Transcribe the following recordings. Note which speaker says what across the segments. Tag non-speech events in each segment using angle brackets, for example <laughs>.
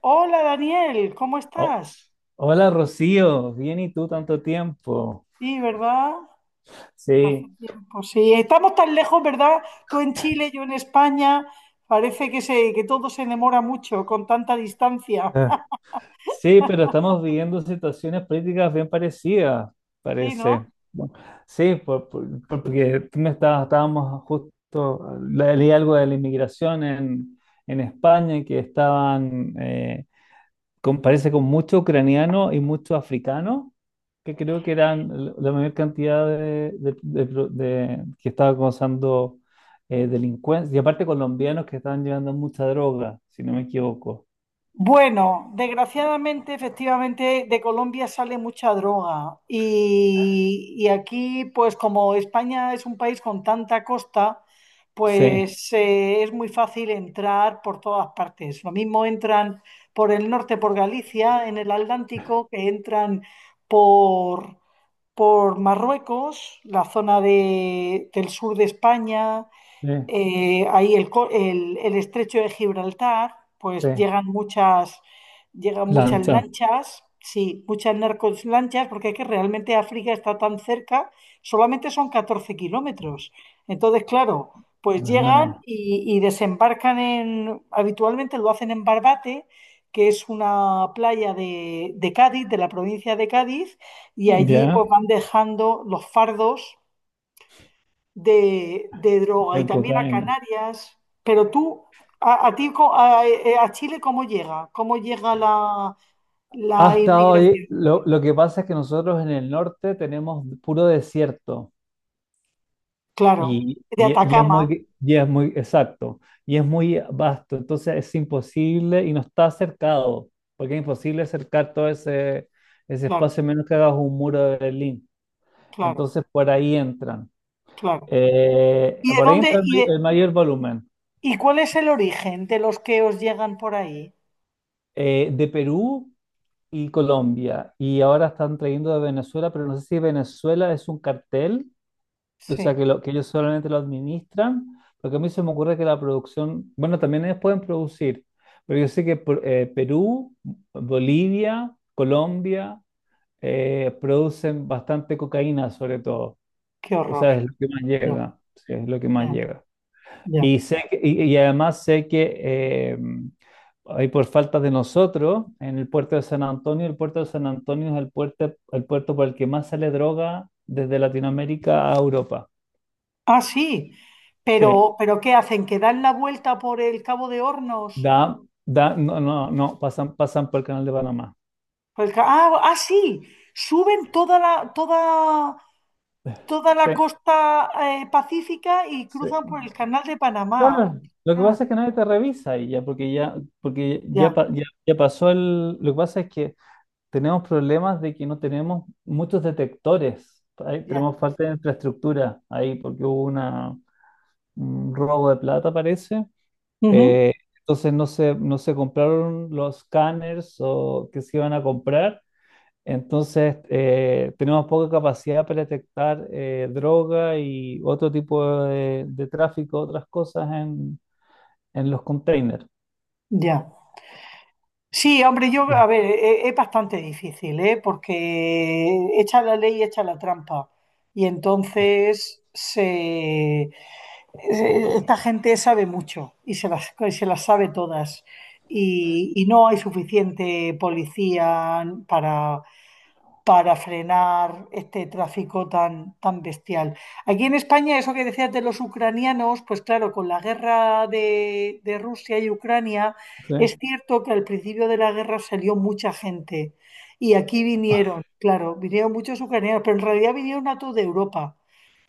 Speaker 1: Hola Daniel, ¿cómo
Speaker 2: Oh,
Speaker 1: estás?
Speaker 2: hola Rocío, bien y tú, tanto tiempo.
Speaker 1: Sí, ¿verdad? Hace
Speaker 2: Sí.
Speaker 1: tiempo, sí. Estamos tan lejos, ¿verdad? Tú en Chile, yo en España. Parece que todo se demora mucho con tanta distancia.
Speaker 2: Ah,
Speaker 1: <laughs>
Speaker 2: sí, pero estamos viviendo situaciones políticas bien parecidas,
Speaker 1: Sí, ¿no?
Speaker 2: parece. Bueno, sí, porque tú me estabas, estábamos justo, leí algo de la inmigración en España, que estaban, parece con mucho ucraniano y mucho africano, que creo que eran la mayor cantidad de que estaba causando delincuencia, y aparte colombianos que estaban llevando mucha droga, si no me equivoco.
Speaker 1: Bueno, desgraciadamente, efectivamente, de Colombia sale mucha droga y aquí, pues como España es un país con tanta costa,
Speaker 2: Sí,
Speaker 1: pues es muy fácil entrar por todas partes. Lo mismo entran por el norte, por Galicia, en el Atlántico, que entran por, por Marruecos, la zona del sur de España,
Speaker 2: sí,
Speaker 1: ahí el estrecho de Gibraltar,
Speaker 2: sí.
Speaker 1: pues llegan muchas
Speaker 2: Lancha,
Speaker 1: lanchas, sí, muchas narcos lanchas, porque es que realmente África está tan cerca, solamente son 14 km. Entonces, claro, pues
Speaker 2: más
Speaker 1: llegan
Speaker 2: nada.
Speaker 1: y desembarcan habitualmente lo hacen en Barbate, que es una playa de Cádiz, de la provincia de Cádiz, y allí pues
Speaker 2: Ya,
Speaker 1: van dejando los fardos de droga y
Speaker 2: de
Speaker 1: también a
Speaker 2: cocaína.
Speaker 1: Canarias. Pero tú, a ti, a Chile, ¿cómo llega? ¿Cómo llega la
Speaker 2: Hasta
Speaker 1: inmigración?
Speaker 2: hoy, lo que pasa es que nosotros en el norte tenemos puro desierto.
Speaker 1: Claro,
Speaker 2: Y,
Speaker 1: de
Speaker 2: y- e, y es. Claro,
Speaker 1: Atacama,
Speaker 2: muy, y es muy, exacto, y es muy vasto, entonces es imposible y no está cercado, porque es imposible acercar todo ese
Speaker 1: claro,
Speaker 2: espacio a menos que hagas un muro de Berlín.
Speaker 1: claro,
Speaker 2: Entonces por ahí entran.
Speaker 1: claro. ¿Y de
Speaker 2: Por ahí entra
Speaker 1: dónde,
Speaker 2: el,
Speaker 1: y
Speaker 2: may-
Speaker 1: de,
Speaker 2: el mayor volumen,
Speaker 1: y cuál es el origen de los que os llegan por ahí?
Speaker 2: de Perú y Colombia, y ahora están trayendo de Venezuela, pero no sé si Venezuela es un cartel. O sea,
Speaker 1: Sí,
Speaker 2: que ellos solamente lo administran, porque a mí se me ocurre que la producción, bueno, también ellos pueden producir, pero yo sé que Perú, Bolivia, Colombia producen bastante cocaína, sobre todo.
Speaker 1: qué
Speaker 2: O
Speaker 1: horror.
Speaker 2: sea, es lo que más
Speaker 1: Ya,
Speaker 2: llega, sí, es lo que más
Speaker 1: ya,
Speaker 2: llega.
Speaker 1: ya.
Speaker 2: Y además sé que ahí por falta de nosotros, en el puerto de San Antonio, el puerto de San Antonio es el puerto por el que más sale droga desde Latinoamérica a Europa.
Speaker 1: Ah, sí.
Speaker 2: Sí.
Speaker 1: Pero, ¿qué hacen? ¿Que dan la vuelta por el Cabo de Hornos?
Speaker 2: Da, no, no, no, pasan por el canal de Panamá.
Speaker 1: Ah, ah, sí. Suben toda la
Speaker 2: Sí,
Speaker 1: costa pacífica y
Speaker 2: sí.
Speaker 1: cruzan por el canal de Panamá.
Speaker 2: Claro, lo que
Speaker 1: Ah,
Speaker 2: pasa es que nadie te revisa y ya, porque ya,
Speaker 1: ya,
Speaker 2: ya pasó. El lo que pasa es que tenemos problemas de que no tenemos muchos detectores. Ahí
Speaker 1: ya.
Speaker 2: tenemos falta de infraestructura ahí, porque hubo una, un robo de plata, parece.
Speaker 1: Ujú,
Speaker 2: Eh, entonces no se compraron los scanners o que se iban a comprar. Entonces, tenemos poca capacidad para detectar droga y otro tipo de tráfico, otras cosas en, los containers.
Speaker 1: ya. Sí, hombre, a
Speaker 2: Ya.
Speaker 1: ver, es, bastante difícil, ¿eh? Porque echa la ley, echa la trampa. Y entonces esta gente sabe mucho y se las sabe todas. Y no hay suficiente policía para frenar este tráfico tan bestial. Aquí en España, eso que decías de los ucranianos, pues claro, con la guerra de Rusia y Ucrania, es
Speaker 2: ¿Sí?
Speaker 1: cierto que al principio de la guerra salió mucha gente y aquí vinieron, claro, vinieron muchos ucranianos, pero en realidad vinieron a toda Europa,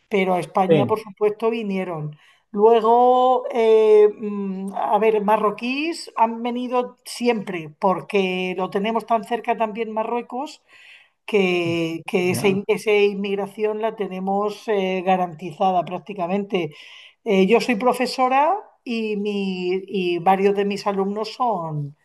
Speaker 1: pero a España, por
Speaker 2: Sí,
Speaker 1: supuesto, vinieron. Luego, a ver, marroquíes han venido siempre, porque lo tenemos tan cerca también Marruecos que esa, in-
Speaker 2: ya,
Speaker 1: esa inmigración la tenemos garantizada prácticamente. Yo soy profesora y varios de mis alumnos son,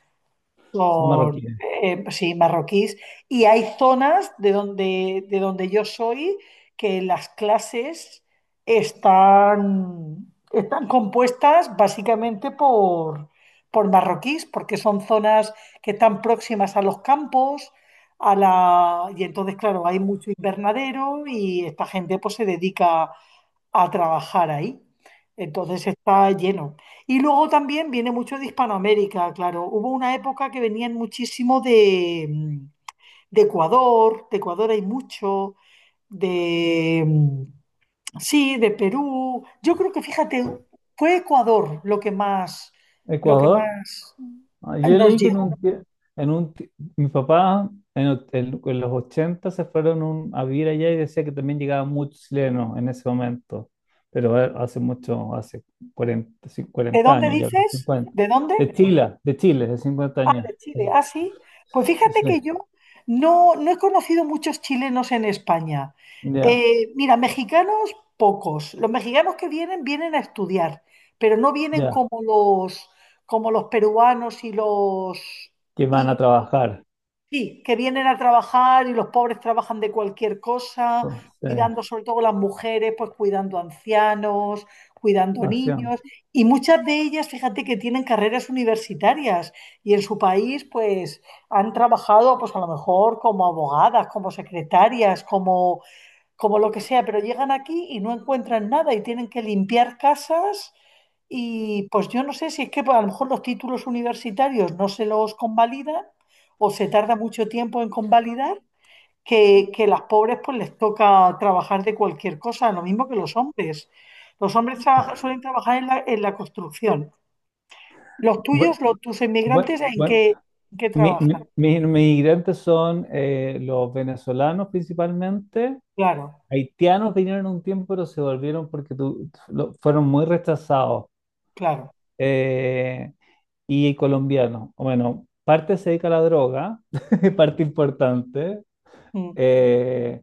Speaker 2: son
Speaker 1: son,
Speaker 2: marroquíes.
Speaker 1: pues sí, marroquíes. Y hay zonas de donde, yo soy que las clases están compuestas básicamente por marroquíes, porque son zonas que están próximas a los campos, y entonces, claro, hay mucho invernadero y esta gente pues se dedica a trabajar ahí. Entonces está lleno. Y luego también viene mucho de Hispanoamérica, claro. Hubo una época que venían muchísimo de Ecuador, de Ecuador hay mucho, de, mm, sí, de Perú. Yo creo que, fíjate, fue Ecuador lo que más, lo que
Speaker 2: Ecuador.
Speaker 1: más
Speaker 2: Ah, yo
Speaker 1: nos
Speaker 2: leí que en un,
Speaker 1: llegó.
Speaker 2: tie- en un ti- mi papá en los 80 se fueron a vivir allá y decía que también llegaban muchos chilenos en ese momento, pero hace mucho, hace 40, sí,
Speaker 1: ¿De
Speaker 2: 40
Speaker 1: dónde
Speaker 2: años ya,
Speaker 1: dices?
Speaker 2: cincuenta.
Speaker 1: ¿De dónde?
Speaker 2: De Chile, de Chile, de 50
Speaker 1: Ah,
Speaker 2: años.
Speaker 1: de Chile, ah, sí. Pues fíjate
Speaker 2: Sí,
Speaker 1: que yo no he conocido muchos chilenos en España.
Speaker 2: ya,
Speaker 1: Mira, mexicanos, pocos. Los mexicanos que vienen, vienen a estudiar, pero no vienen
Speaker 2: ya,
Speaker 1: como los peruanos y
Speaker 2: que van a trabajar.
Speaker 1: sí, que vienen a trabajar y los pobres trabajan de cualquier cosa,
Speaker 2: Pues, eh,
Speaker 1: cuidando sobre todo las mujeres, pues cuidando ancianos, cuidando niños.
Speaker 2: hacían.
Speaker 1: Y muchas de ellas, fíjate que tienen carreras universitarias y en su país, pues han trabajado, pues a lo mejor como abogadas, como secretarias, como lo que sea, pero llegan aquí y no encuentran nada y tienen que limpiar casas y pues yo no sé si es que pues, a lo mejor los títulos universitarios no se los convalidan o se tarda mucho tiempo en convalidar, que las pobres pues les toca trabajar de cualquier cosa, lo mismo que los hombres. Los hombres suelen trabajar en la construcción. Los
Speaker 2: Bueno,
Speaker 1: tuyos, tus
Speaker 2: bueno,
Speaker 1: inmigrantes, ¿en
Speaker 2: bueno,
Speaker 1: qué, en qué trabajan?
Speaker 2: mis inmigrantes son, los venezolanos principalmente.
Speaker 1: Claro,
Speaker 2: Haitianos vinieron un tiempo, pero se volvieron porque fueron muy rechazados.
Speaker 1: claro.
Speaker 2: eh, y colombianos. Bueno, parte se dedica a la droga, <laughs> parte importante.
Speaker 1: Mm,
Speaker 2: eh,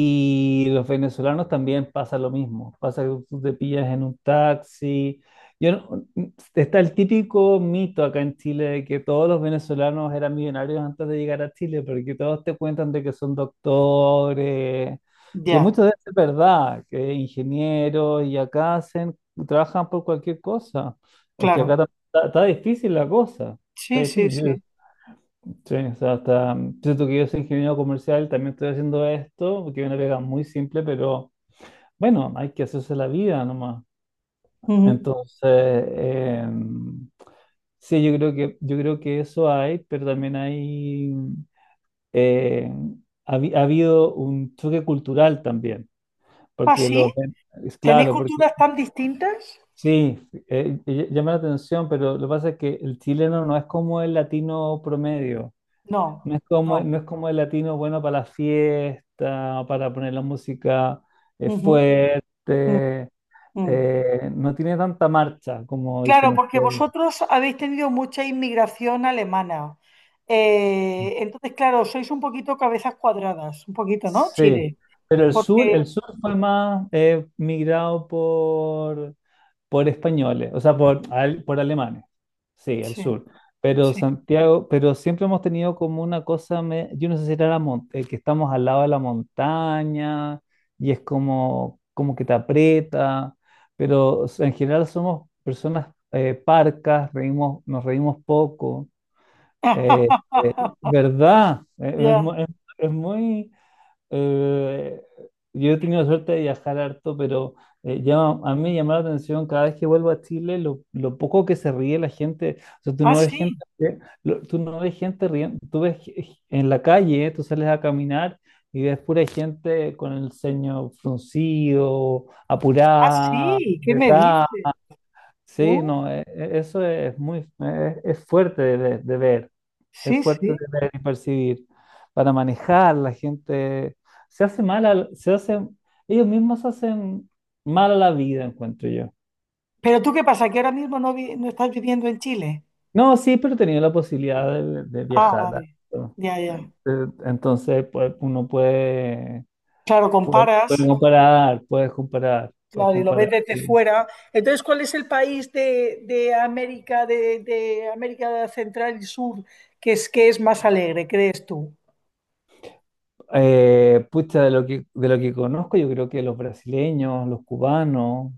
Speaker 2: y los venezolanos también, pasa lo mismo, pasa que tú te pillas en un taxi. Yo no- Está el típico mito acá en Chile de que todos los venezolanos eran millonarios antes de llegar a Chile, porque todos te cuentan de que son doctores, que
Speaker 1: ya,
Speaker 2: muchas veces es verdad, que ingenieros, y acá trabajan por cualquier cosa. Es que
Speaker 1: claro.
Speaker 2: acá está, difícil la cosa, está
Speaker 1: Sí, sí, sí.
Speaker 2: difícil. Sí, o sea, hasta, siento que yo soy ingeniero comercial, también estoy haciendo esto, porque es una pega muy simple, pero bueno, hay que hacerse la vida nomás.
Speaker 1: Ujú.
Speaker 2: Entonces, sí, yo creo que eso hay, pero también hay, eh, ha habido un choque cultural también,
Speaker 1: ¿Ah,
Speaker 2: porque
Speaker 1: sí?
Speaker 2: es
Speaker 1: ¿Tenéis
Speaker 2: claro, porque
Speaker 1: culturas tan distintas?
Speaker 2: sí, llama la atención, pero lo que pasa es que el chileno no es como el latino promedio.
Speaker 1: No,
Speaker 2: No es como,
Speaker 1: no.
Speaker 2: no es como el latino bueno para la fiesta, para poner la música
Speaker 1: Ujú, mm,
Speaker 2: fuerte.
Speaker 1: mm.
Speaker 2: No tiene tanta marcha, como dicen
Speaker 1: Claro, porque
Speaker 2: ustedes.
Speaker 1: vosotros habéis tenido mucha inmigración alemana. Entonces, claro, sois un poquito cabezas cuadradas, un poquito, ¿no?
Speaker 2: Sí,
Speaker 1: Chile.
Speaker 2: pero el sur,
Speaker 1: Porque,
Speaker 2: el sur fue más, migrado por españoles, o sea, por alemanes. Sí, el
Speaker 1: sí,
Speaker 2: sur. Pero
Speaker 1: sí.
Speaker 2: Santiago, pero siempre hemos tenido como una cosa, yo no sé si era que estamos al lado de la montaña y es como, como que te aprieta, pero o sea, en general somos personas, parcas, reímos, nos reímos poco. Eh,
Speaker 1: <laughs>
Speaker 2: ¿Verdad? Eh, es
Speaker 1: Ya.
Speaker 2: mu- es- es muy... Eh, yo he tenido la suerte de viajar harto, pero a mí me llama la atención cada vez que vuelvo a Chile lo poco que se ríe la gente. O sea, tú
Speaker 1: Ah,
Speaker 2: no ves
Speaker 1: sí,
Speaker 2: gente, tú no ves gente riendo, tú en la calle, tú sales a caminar y ves pura gente con el ceño fruncido,
Speaker 1: ah,
Speaker 2: apurada.
Speaker 1: sí, ¿qué me dices?
Speaker 2: Sí,
Speaker 1: Uh,
Speaker 2: no, eso es fuerte de ver, es
Speaker 1: sí,
Speaker 2: fuerte
Speaker 1: sí.
Speaker 2: de ver y percibir. Para manejar, la gente se hace mal, se hacen, ellos mismos se hacen mal a la vida, encuentro yo.
Speaker 1: Pero tú qué pasa, que ahora mismo no estás viviendo en Chile.
Speaker 2: No, sí, pero he tenido la posibilidad de
Speaker 1: Ah,
Speaker 2: viajar.
Speaker 1: vale.
Speaker 2: ¿No?
Speaker 1: Ya, ya.
Speaker 2: Entonces, pues, uno puede,
Speaker 1: Claro,
Speaker 2: puede,
Speaker 1: comparas.
Speaker 2: puede comparar, puedes comparar, puedes
Speaker 1: Claro, y lo
Speaker 2: comparar.
Speaker 1: ves desde
Speaker 2: Sí.
Speaker 1: fuera. Entonces, ¿cuál es el país de América, de América Central y Sur que es más alegre, crees tú?
Speaker 2: Pucha, de lo que, conozco, yo creo que los brasileños, los cubanos,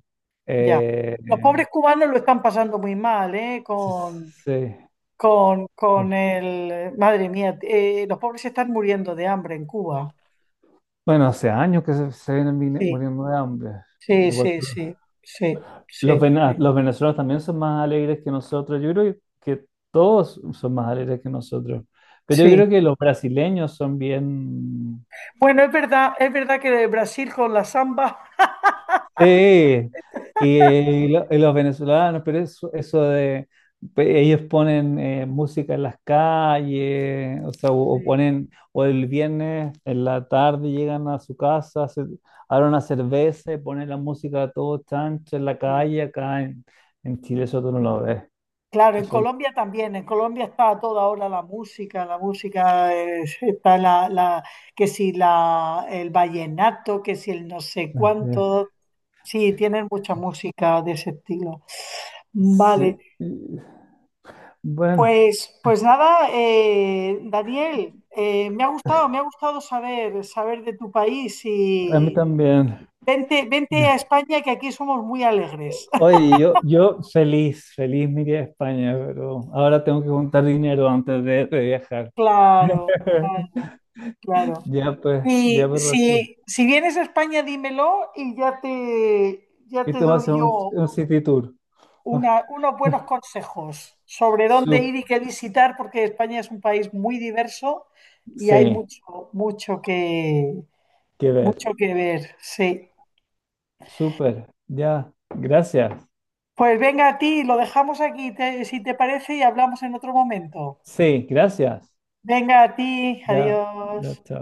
Speaker 1: Ya.
Speaker 2: eh,
Speaker 1: Los pobres cubanos lo están pasando muy mal, ¿eh?
Speaker 2: se-
Speaker 1: Con,
Speaker 2: se-
Speaker 1: con, con el... Madre mía, los pobres se están muriendo de hambre en Cuba.
Speaker 2: bueno, hace años que se vienen
Speaker 1: Sí,
Speaker 2: muriendo de hambre.
Speaker 1: sí,
Speaker 2: Igual
Speaker 1: sí,
Speaker 2: que
Speaker 1: sí, sí,
Speaker 2: los,
Speaker 1: sí,
Speaker 2: vena- los venezolanos también son más alegres que nosotros. Yo creo que todos son más alegres que nosotros. Pero yo
Speaker 1: sí.
Speaker 2: creo que los brasileños son bien.
Speaker 1: Bueno, es verdad que Brasil con la samba...
Speaker 2: Sí, y los venezolanos, pero eso, de ellos ponen, música en las calles, o sea, o
Speaker 1: Sí,
Speaker 2: ponen, o el viernes en la tarde llegan a su casa, se abren una cerveza y ponen la música a todo chancho en la
Speaker 1: sí.
Speaker 2: calle, acá en Chile eso tú no lo ves.
Speaker 1: Claro, en
Speaker 2: Eso,
Speaker 1: Colombia también, en Colombia está a toda hora la música está que si el vallenato, que si el no sé
Speaker 2: eh, eh,
Speaker 1: cuánto, sí, tienen mucha música de ese estilo. Vale,
Speaker 2: sí. Bueno,
Speaker 1: pues nada, Daniel, me ha gustado, saber de tu país
Speaker 2: a mí
Speaker 1: y
Speaker 2: también.
Speaker 1: vente a España que aquí somos muy alegres. <laughs>
Speaker 2: Oye, yo feliz, feliz me iría a España, pero ahora tengo que juntar dinero antes de viajar.
Speaker 1: Claro, claro,
Speaker 2: <laughs>
Speaker 1: claro.
Speaker 2: Ya
Speaker 1: Si,
Speaker 2: pues, Rosy.
Speaker 1: si vienes a España, dímelo y ya te, ya
Speaker 2: Y
Speaker 1: te
Speaker 2: tú vas a
Speaker 1: doy
Speaker 2: un,
Speaker 1: yo
Speaker 2: un city tour. Ah,
Speaker 1: unos buenos consejos sobre dónde
Speaker 2: sup-
Speaker 1: ir y qué visitar, porque España es un país muy diverso y hay
Speaker 2: sí,
Speaker 1: mucho, mucho que,
Speaker 2: que ver.
Speaker 1: mucho que ver. Sí.
Speaker 2: Súper, ya. Gracias.
Speaker 1: Pues venga a ti, lo dejamos aquí, si te parece, y hablamos en otro momento.
Speaker 2: Sí, gracias.
Speaker 1: Venga a ti,
Speaker 2: Ya,
Speaker 1: adiós.
Speaker 2: ya, chao.